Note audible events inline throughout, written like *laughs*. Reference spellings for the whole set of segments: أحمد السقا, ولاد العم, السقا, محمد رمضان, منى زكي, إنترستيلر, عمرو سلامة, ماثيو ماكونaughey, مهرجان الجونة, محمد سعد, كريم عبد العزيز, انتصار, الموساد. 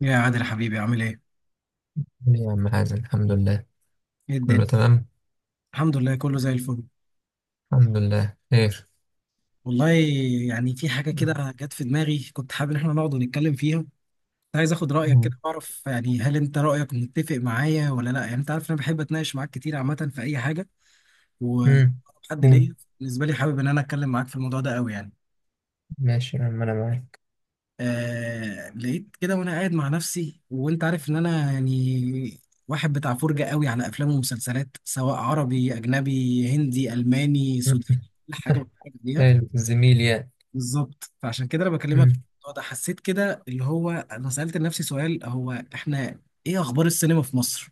يا عادل حبيبي، عامل ايه؟ يا عم حازم، الحمد لله. ايه الدنيا؟ كله تمام، الحمد لله كله زي الفل. الحمد لله خير. والله يعني في حاجة كده جت في دماغي، كنت حابب ان احنا نقعد ونتكلم فيها. كنت عايز اخد رأيك كده، اعرف يعني هل انت رأيك متفق معايا ولا لا. يعني انت عارف انا بحب اتناقش معاك كتير عامة في اي حاجة امم وحد قول. ليا. بالنسبة لي حابب ان انا اتكلم معاك في الموضوع ده قوي يعني. ماشي يا عم انا معاك. آه، لقيت كده وانا قاعد مع نفسي، وانت عارف ان انا يعني واحد بتاع فرجة قوي على افلام ومسلسلات، سواء عربي اجنبي هندي الماني *laughs* سوداني، مم. كل حاجة بتفرج عليها. حلو الزميل يعني. بالظبط، فعشان كده انا بكلمك مم. في الموضوع ده. حسيت كده اللي هو انا سألت لنفسي سؤال، هو احنا ايه اخبار السينما في مصر؟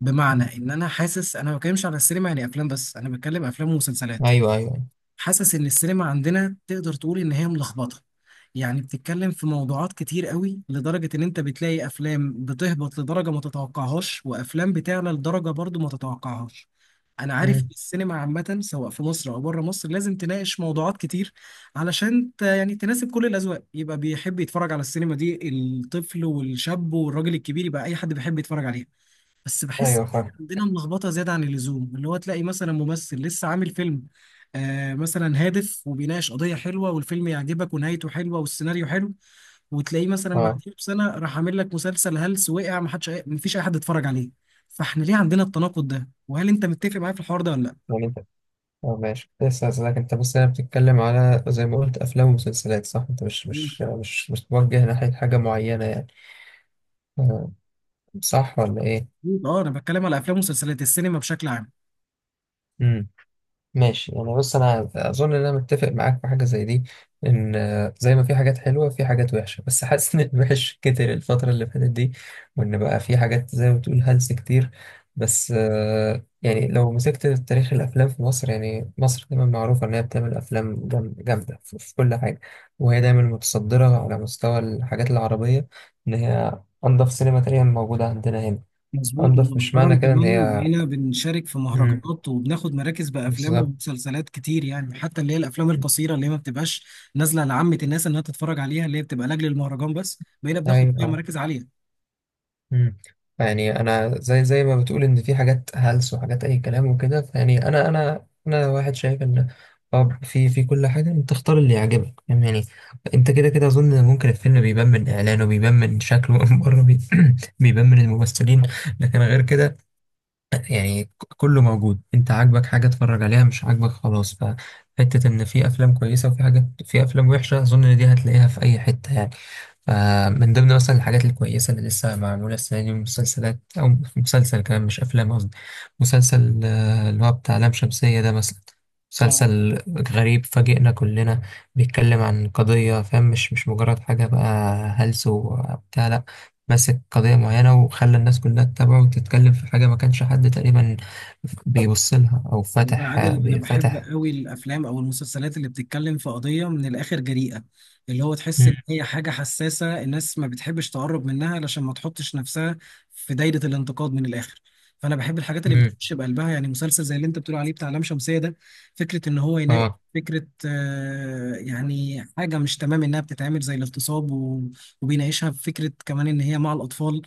بمعنى مم. ان انا حاسس انا ما بتكلمش على السينما يعني افلام بس، انا بتكلم افلام ومسلسلات. ايوه، ايوه. حاسس ان السينما عندنا تقدر تقول ان هي ملخبطه. يعني بتتكلم في موضوعات كتير قوي، لدرجه ان انت بتلاقي افلام بتهبط لدرجه ما تتوقعهاش، وافلام بتعلى لدرجه برضو ما تتوقعهاش. انا عارف إن مم. السينما عامه سواء في مصر او بره مصر لازم تناقش موضوعات كتير يعني تناسب كل الاذواق، يبقى بيحب يتفرج على السينما دي الطفل والشاب والراجل الكبير، يبقى اي حد بيحب يتفرج عليها. بس بحس ايوه، فاهم. عندنا ملخبطه زياده عن اللزوم، اللي هو تلاقي مثلا ممثل لسه عامل فيلم آه، مثلا هادف وبيناقش قضيه حلوه، والفيلم يعجبك ونهايته حلوه والسيناريو حلو، وتلاقيه مثلا اه، بعديه بسنه راح عامل لك مسلسل هلس وقع، ما حدش ما فيش اي حد اتفرج عليه. فاحنا ليه عندنا التناقض ده؟ وهل انت متفق معايا في الحوار ده ولا لا؟ يعني انت اه ماشي، كنت لسه هسألك. انت بص، انا بتتكلم على زي ما قلت افلام ومسلسلات، صح؟ انت مش مم. مش مش مش متوجه ناحية حاجة معينة يعني، آه، صح ولا ايه؟ اه، انا بتكلم على افلام ومسلسلات السينما بشكل عام. مم. ماشي، يعني بص انا اظن ان انا متفق معاك في حاجه زي دي، ان زي ما في حاجات حلوه في حاجات وحشه، بس حاسس ان الوحش كتر الفتره اللي فاتت دي، وان بقى في حاجات زي ما بتقول هلس كتير. بس يعني لو مسكت تاريخ الافلام في مصر، يعني مصر دايما معروفه ان هي بتعمل افلام جامده في كل حاجه، وهي دايما متصدره على مستوى الحاجات العربيه، ان هي انضف سينما تقريبا موجوده عندنا هنا. مظبوط، انضف مش معنى ومؤخرا كده ان كمان هي، بقينا بنشارك في مم، مهرجانات وبناخد مراكز بأفلام بالظبط. ومسلسلات كتير، يعني حتى اللي هي الأفلام القصيرة اللي هي ما بتبقاش نازلة لعامة الناس إنها تتفرج عليها، اللي هي بتبقى لأجل المهرجان بس، بقينا بناخد فيها ايوه. مراكز عالية. مم. يعني انا زي ما بتقول ان في حاجات هلس وحاجات اي كلام وكده، فيعني انا واحد شايف ان، اه في كل حاجه انت اختار اللي يعجبك، فاهم يعني. انت كده كده اظن إن ممكن الفيلم بيبان من اعلانه، بيبان من شكله *laughs* من بره، *clears throat* بيبان من الممثلين. لكن غير كده، يعني كله موجود. انت عاجبك حاجة اتفرج عليها، مش عاجبك خلاص. فحتة ان في افلام كويسة وفي حاجات، في افلام وحشة، اظن ان دي هتلاقيها في اي حتة يعني. فمن ضمن مثلا الحاجات الكويسة اللي لسه معمولة السنة دي مسلسلات او مسلسل كمان، مش افلام قصدي مسلسل، اللي هو بتاع لام شمسية ده مثلا. اه. مسلسل غريب، فاجئنا كلنا. بيتكلم عن قضية، فاهم؟ مش مجرد حاجة بقى هلس وبتاع، لأ. ماسك قضية معينة وخلى الناس كلها تتابعه وتتكلم في حاجة ما كانش حد تقريبا بيبص لها أو والله يا فتح عادل انا بحب بيفتح. قوي الافلام او المسلسلات اللي بتتكلم في قضيه من الاخر جريئه، اللي هو تحس مم. ان هي حاجه حساسه الناس ما بتحبش تقرب منها علشان ما تحطش نفسها في دايره الانتقاد من الاخر. فانا بحب الحاجات اللي مم. بتخش بقلبها، يعني مسلسل زي اللي انت بتقول عليه بتاع لام شمسيه ده، فكره ان هو يناقش اه. فكرة يعني حاجة مش تمام إنها بتتعمل زي الاغتصاب، وبيناقشها بفكرة كمان إن هي مع الأطفال.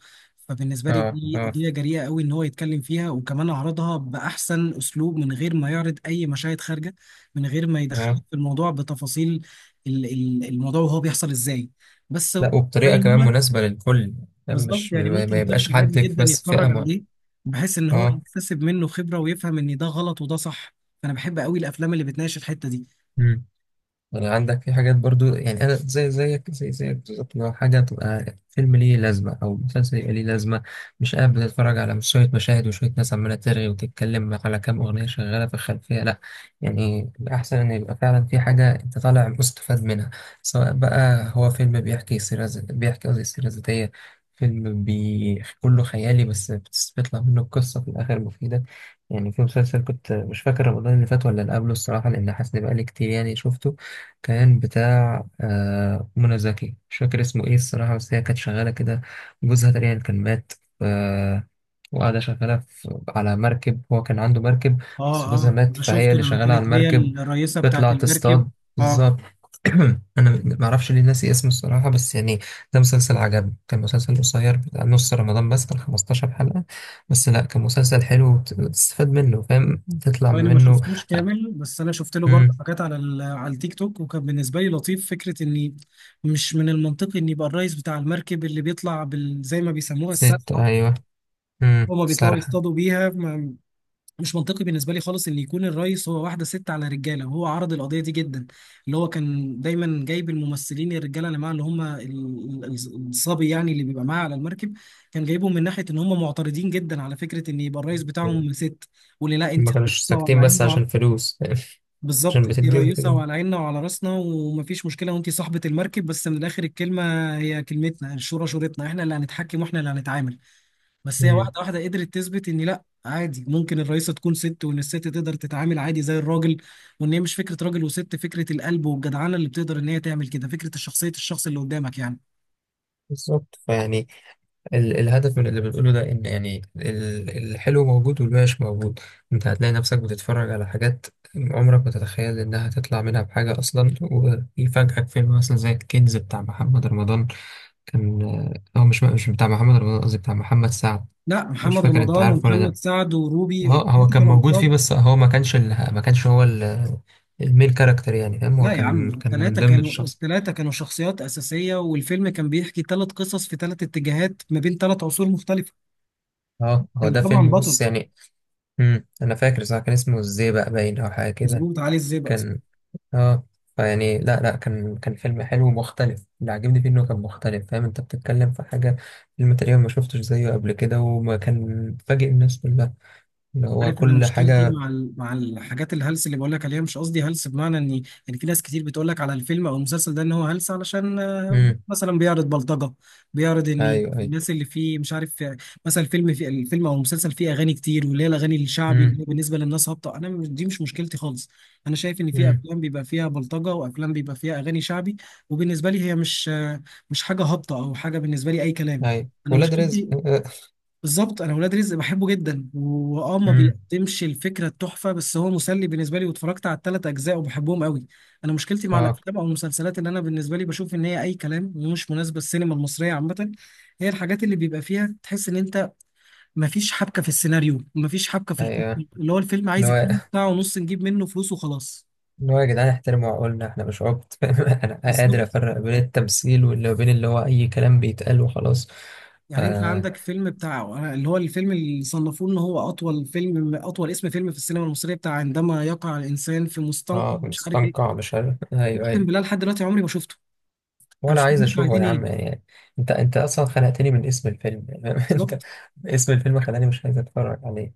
فبالنسبة لي اه. دي اه. قضية جريئة قوي إن هو يتكلم فيها، وكمان عرضها بأحسن أسلوب من غير ما يعرض أي مشاهد خارجة، من غير ما يدخلك اه. في الموضوع بتفاصيل الموضوع وهو بيحصل إزاي. بس لا، وبطريقة باين كمان لك. مناسبة للكل، يعني بالظبط، مش يعني ما ممكن يبقاش طفل عادي حد جدا بس فئة يتفرج عليه معينة. بحيث إن هو اه. يكتسب منه خبرة ويفهم إن ده غلط وده صح. فأنا بحب قوي الأفلام اللي بتناقش الحتة دي. مم. ولا عندك في حاجات برضو؟ يعني انا زي زيك زي زيك بالظبط، لو حاجه تبقى فيلم ليه لازمه، او مسلسل يبقى ليه لازمه، مش قاعد بتتفرج على مش شويه مشاهد وشويه ناس عماله ترغي وتتكلم على كام اغنيه شغاله في الخلفيه، لا. يعني الاحسن ان يبقى فعلا في حاجه انت طالع مستفاد منها، سواء بقى هو فيلم بيحكي بيحكي قصدي سيره ذاتيه، فيلم كله خيالي بس بيطلع منه قصة في الآخر مفيدة. يعني في مسلسل، كنت مش فاكر رمضان اللي فات ولا اللي قبله الصراحة، لأن حاسس إن بقالي كتير يعني شفته. كان بتاع منى زكي، مش فاكر اسمه ايه الصراحة، بس هي كانت شغالة كده، جوزها تقريبا كان مات، ف- وقاعدة شغالة في، على مركب، هو كان عنده مركب، بس آه جوزها آه، مات أنا فهي شفته اللي لما شغالة على كانت هي المركب، الرئيسة بتاعت تطلع المركب. تصطاد. آه. بالظبط. *clears throat* أنا معرفش ليه ناسي اسمه الصراحة بس يعني، ده مسلسل عجبني، كان مسلسل قصير بتاع نص رمضان، بس كان 15 حلقة. بس لأ، كان مسلسل حلو وتستفاد منه، فاهم، تطلع هو انا ما منه. شفتوش كامل، بس انا شفت له مم. برضه حاجات على على التيك توك، وكان بالنسبه لي لطيف فكره اني مش من المنطقي ان يبقى الرئيس بتاع المركب اللي بيطلع زي ما بيسموها ست، السبحه، أيوه. مم. هما بيطلعوا صراحة. يصطادوا بيها ما... مش منطقي بالنسبه لي خالص ان يكون الرئيس هو واحده ست على رجاله. وهو عرض القضيه دي جدا، اللي هو كان دايما جايب الممثلين الرجاله اللي معاه اللي هم الصبي يعني اللي بيبقى معاه على المركب، كان جايبهم من ناحيه ان هم معترضين جدا على فكره ان يبقى الرئيس بتاعهم ست. واللي لا انت ما كانوش على ساكتين عيني. بس عشان فلوس. *laughs* بالظبط، عشان انت بتديهم رئيسة فلوس. وعلى عيننا وعلى راسنا ومفيش مشكلة وانت صاحبة المركب، بس من الآخر الكلمة هي كلمتنا، الشورى شورتنا، احنا اللي هنتحكم واحنا اللي هنتعامل. بس هي امم واحدة واحدة قدرت تثبت ان لا، عادي ممكن الرئيسة تكون ست، وان الست تقدر تتعامل عادي زي الراجل، وان هي مش فكرة راجل وست، فكرة القلب والجدعانة اللي بتقدر ان هي تعمل كده، فكرة الشخصية الشخص اللي قدامك يعني. بالظبط. فيعني الهدف من اللي بنقوله ده، ان يعني الحلو موجود والوحش موجود. انت هتلاقي نفسك بتتفرج على حاجات عمرك ما تتخيل انها تطلع منها بحاجة اصلا، ويفاجئك فيلم مثلا زي الكنز بتاع محمد رمضان. كان، هو مش بتاع محمد رمضان قصدي، بتاع محمد سعد. لا، مش محمد فاكر، انت رمضان عارفه ومحمد ولا؟ سعد وروبي اه، هو الثلاثة كان كانوا موجود فيه عصاب. بس هو ما كانش ال، ما كانش هو ال، المين كاركتر يعني، فاهم. هو لا يا عم، كان من التلاتة ضمن كانوا، الشخص. التلاتة كانوا شخصيات أساسية، والفيلم كان بيحكي تلات قصص في تلات اتجاهات ما بين تلات عصور مختلفة. اه، هو كان ده طبعا فيلم، بص بطل. يعني. انا فاكر صح، كان اسمه الزيبق باين او حاجه كده. مظبوط، علي الزئبق. كان. اه. فيعني، لا لا، كان فيلم حلو ومختلف. اللي عجبني فيه انه كان مختلف، فاهم؟ انت بتتكلم في حاجه، فيلم تقريبا ما شفتش زيه قبل كده وما كان فاجئ الناس كلها، اللي هو عارف انا كل مشكلتي حاجه. مع مع الحاجات الهلس اللي بقول لك عليها، مش قصدي هلس بمعنى اني يعني في ناس كتير بتقول لك على الفيلم او المسلسل ده ان هو هلس علشان امم. مثلا بيعرض بلطجه، بيعرض ان ايوه، ايوه. الناس اللي فيه مش عارف مثلا الفيلم، في الفيلم او المسلسل فيه اغاني كتير واللي هي الاغاني الشعبي اللي هي امم. بالنسبه للناس هابطه. انا مش- دي مش مشكلتي خالص. انا شايف ان في امم. افلام بيبقى فيها بلطجه وافلام بيبقى فيها اغاني شعبي، وبالنسبه لي هي مش مش حاجه هابطه او حاجه بالنسبه لي اي كلام. ايوه، انا ولاد رزق. مشكلتي، *laughs* بالظبط انا ولاد رزق بحبه جدا، واه ما امم. بيقدمش الفكره التحفه بس هو مسلي بالنسبه لي، واتفرجت على الثلاث اجزاء وبحبهم قوي. انا مشكلتي مع اه. الافلام او المسلسلات اللي انا بالنسبه لي بشوف ان هي اي كلام ومش مناسبه السينما المصريه عامه، هي الحاجات اللي بيبقى فيها تحس ان انت ما فيش حبكه في السيناريو، ما فيش حبكه في القصة، ايوه، اللي هو الفيلم اللي عايز هو، اتنين ساعه ونص نجيب منه فلوس وخلاص. اللي هو، يا جدعان احترموا عقولنا، احنا مش عبط. *laughs* انا قادر بالظبط، افرق بين التمثيل واللي بين اللي هو اي كلام بيتقال وخلاص. يعني انت اه, عندك فيلم بتاع اللي هو الفيلم اللي صنفوه ان هو اطول فيلم، اطول اسم فيلم في السينما المصريه بتاع "عندما يقع الانسان في مستنقع مش عارف مستنقع ايه". مش عارف، ايوه، اقسم ايوه. بالله لحد دلوقتي عمري ما شفته. انا ولا مش عايز فاهم انتوا اشوفه عايزين يا عم، ايه. يعني انت، انت اصلا خنقتني من اسم الفيلم، *laughs* يعني انت، بالظبط. اسم الفيلم خلاني مش عايز اتفرج عليه.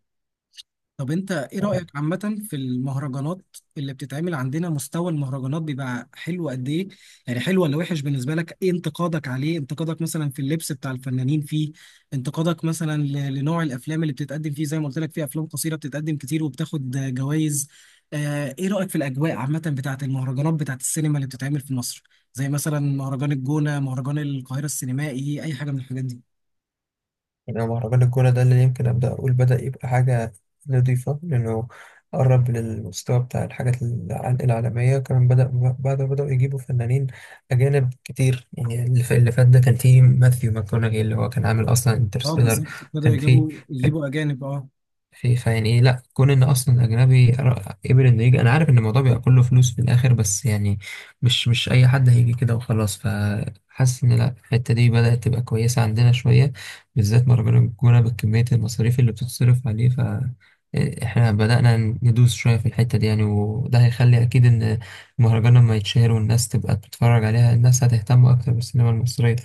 طب انت ايه رايك عامه في المهرجانات اللي بتتعمل عندنا؟ مستوى المهرجانات بيبقى حلو قد ايه؟ يعني حلو ولا وحش بالنسبه لك؟ ايه انتقادك عليه؟ انتقادك مثلا في اللبس بتاع الفنانين فيه؟ انتقادك مثلا لنوع الافلام اللي بتتقدم فيه؟ زي ما قلت لك في افلام قصيره بتتقدم كتير وبتاخد جوائز. ايه رايك في الاجواء عامه بتاعه المهرجانات بتاعه السينما اللي بتتعمل في مصر، زي مثلا مهرجان الجونه، مهرجان القاهره السينمائي، اي حاجه من الحاجات دي؟ يعني هو مهرجان الجونة ده اللي يمكن أبدأ أقول بدأ يبقى حاجة نضيفة، لأنه قرب للمستوى بتاع الحاجات العالمية كمان، بدأ بعد ما بدأوا يجيبوا فنانين أجانب كتير. يعني اللي فات ده كان فيه ماثيو ماكونaughey اللي هو كان عامل أصلا اه انترستيلر. بالظبط، بدأوا كان فيه، يجيبوا اجانب. اه. فيعني ايه، لا كون ان اصلا اجنبي، قبل انه يجي، انا عارف ان الموضوع بيبقى كله فلوس في الاخر بس يعني مش اي حد هيجي كده وخلاص. فحاسس ان لا، الحته دي بدات تبقى كويسه عندنا شويه، بالذات مهرجان الجونه بكميه المصاريف اللي بتتصرف عليه. ف، احنا بدأنا ندوس شوية في الحتة دي يعني، وده هيخلي أكيد إن المهرجان لما يتشهر والناس تبقى بتتفرج عليها، الناس هتهتم أكتر بالسينما المصرية،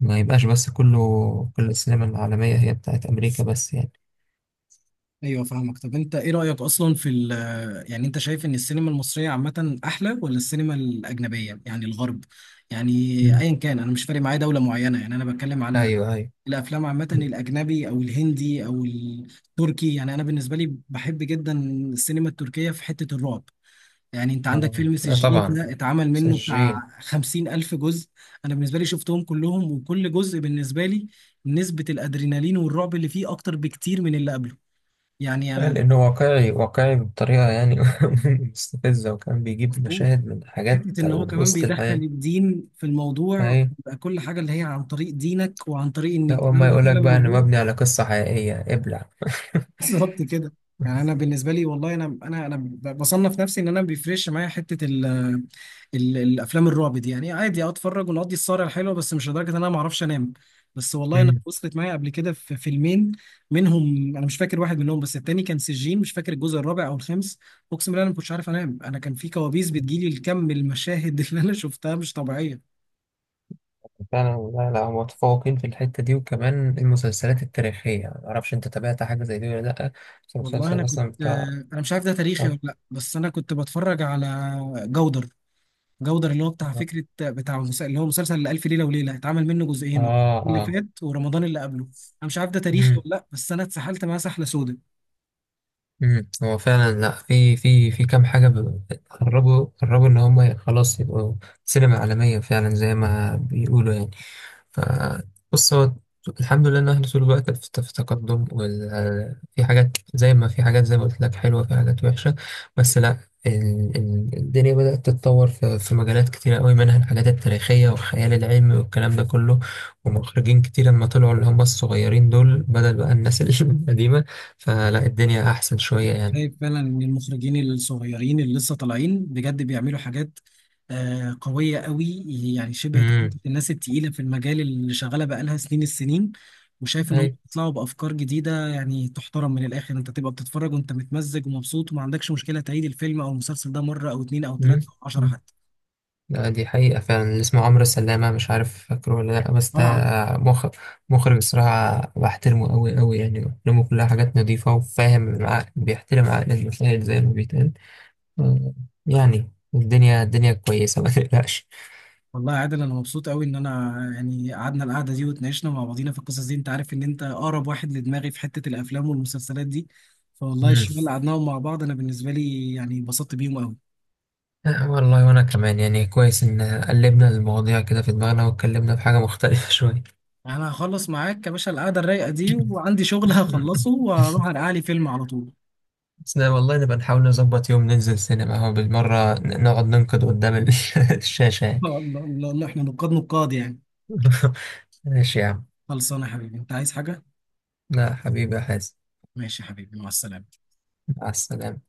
ما يبقاش بس كله كل السينما العالمية هي بتاعت أمريكا بس يعني. ايوه فاهمك. طب انت ايه رأيك اصلا في ال، يعني انت شايف ان السينما المصرية عامة احلى ولا السينما الاجنبية يعني الغرب؟ يعني مم. ايا كان، انا مش فارق معايا دولة معينة، يعني انا بتكلم على ايوه، ايوه. الافلام عامة، الاجنبي او الهندي او التركي. يعني انا بالنسبة لي بحب جدا السينما التركية في حتة الرعب. يعني انت عندك آه، فيلم لا سجين طبعا. ده اتعمل منه سجين. بتاع 50,000 جزء، انا بالنسبة لي شفتهم كلهم، وكل جزء بالنسبة لي نسبة الادرينالين والرعب اللي فيه اكتر بكتير من اللي قبله. يعني انا، لانه واقعي، واقعي بطريقه يعني *laughs* مستفزه، وكان بيجيب مظبوط. مشاهد من حاجات حتة ان هو كمان وسط بيدخل الحياه. الدين في الموضوع، اي، بيبقى كل حاجة اللي هي عن طريق دينك وعن طريق ان لا، اول ما الكلام ده يقولك فعلا بقى انه موجود. مبني على قصه حقيقيه، ابلع. *laughs* بالظبط كده. يعني انا بالنسبه لي والله، انا بصنف نفسي ان انا ما بيفرقش معايا حته ال ال الافلام الرعب دي، يعني عادي اتفرج ونقضي السهره الحلوه، بس مش لدرجه ان انا ما اعرفش انام. بس والله انا مم. وصلت معايا قبل كده في فيلمين منهم، انا مش فاكر واحد منهم بس التاني كان سجين، مش فاكر الجزء الرابع او الخامس. اقسم بالله انا ما كنتش عارف انام، انا كان في كوابيس بتجيلي، الكم المشاهد *laughs* اللي انا شفتها مش طبيعيه. فعلا، لا، لا، هم متفوقين في الحته دي. وكمان المسلسلات التاريخيه، يعني ما اعرفش انت تابعت حاجه زي دي ولا لا، بس والله انا المسلسل كنت، مثلا بتاع. انا مش عارف ده تاريخي ولا اه. لا، بس انا كنت بتفرج على جودر. جودر اللي هو بتاع فكرة اللي هو مسلسل ألف ليلة وليلة، اتعمل منه جزئين، اللي اه. فات ورمضان اللي قبله. أنا مش عارف ده تاريخي مم. ولا لأ، بس أنا اتسحلت معاه سحلة سودا. مم. هو فعلا، لا، في كام حاجة قربوا، قربوا إن هم خلاص يبقوا سينما عالمية فعلا زي ما بيقولوا يعني. ف، بص هو الحمد لله إن إحنا طول الوقت في تقدم، وال، في حاجات زي ما في حاجات زي ما قلت لك حلوة، في حاجات وحشة، بس لا. الدنيا بدأت تتطور في مجالات كتيرة قوي، منها الحاجات التاريخية والخيال العلمي والكلام ده كله. ومخرجين كتير لما طلعوا اللي هم الصغيرين دول بدل بقى الناس *laughs* القديمة، فلا الدنيا أحسن شوية يعني. شايف فعلا إن المخرجين الصغيرين اللي لسه طالعين بجد بيعملوا حاجات آه قوية قوي، يعني شبه امم. تقلد الناس التقيلة في المجال اللي شغالة بقالها سنين السنين. وشايف إنهم أي. بيطلعوا بأفكار جديدة يعني تحترم من الآخر، أنت تبقى بتتفرج وأنت متمزج ومبسوط وما عندكش مشكلة تعيد الفيلم أو المسلسل ده مرة أو اتنين أو امم. تلاتة أو 10 أمم. حتى. لا دي حقيقة، فعلا اللي اسمه عمرو سلامة، مش عارف فاكره ولا لأ، بس ده اه. مخ... مخرج الصراحة بحترمه أوي أوي، يعني أفلامه كلها حاجات نظيفة وفاهم العقل، بيحترم عقل المشاهد زي ما بيتقال. آه، يعني الدنيا، الدنيا كويسة ما تقلقش. والله يا عادل انا مبسوط قوي ان انا يعني قعدنا القعده دي واتناقشنا مع بعضينا في القصص دي، انت عارف ان انت اقرب واحد لدماغي في حته الافلام والمسلسلات دي، فوالله امم. الشباب اللي قعدناهم مع بعض انا بالنسبه لي يعني اتبسطت بيهم قوي. آه، والله وأنا كمان، يعني كويس إن قلبنا المواضيع كده في دماغنا واتكلمنا في حاجة مختلفة شوية. انا هخلص معاك يا باشا القعده الرايقه دي، وعندي شغل هخلصه واروح *laughs* ارقع لي فيلم على طول. بسنا والله، نبقى نحاول نظبط يوم ننزل سينما اهو بالمرة، نقعد ننقد قدام *laughs* الشاشة *laughs* يعني. الله الله الله، احنا نقاد نقاد يعني. *laughs* ماشي يا عم. خلصانه يا حبيبي، انت عايز حاجه؟ لا حبيبي يا حازم. ماشي يا حبيبي، مع السلامه. مع السلامة.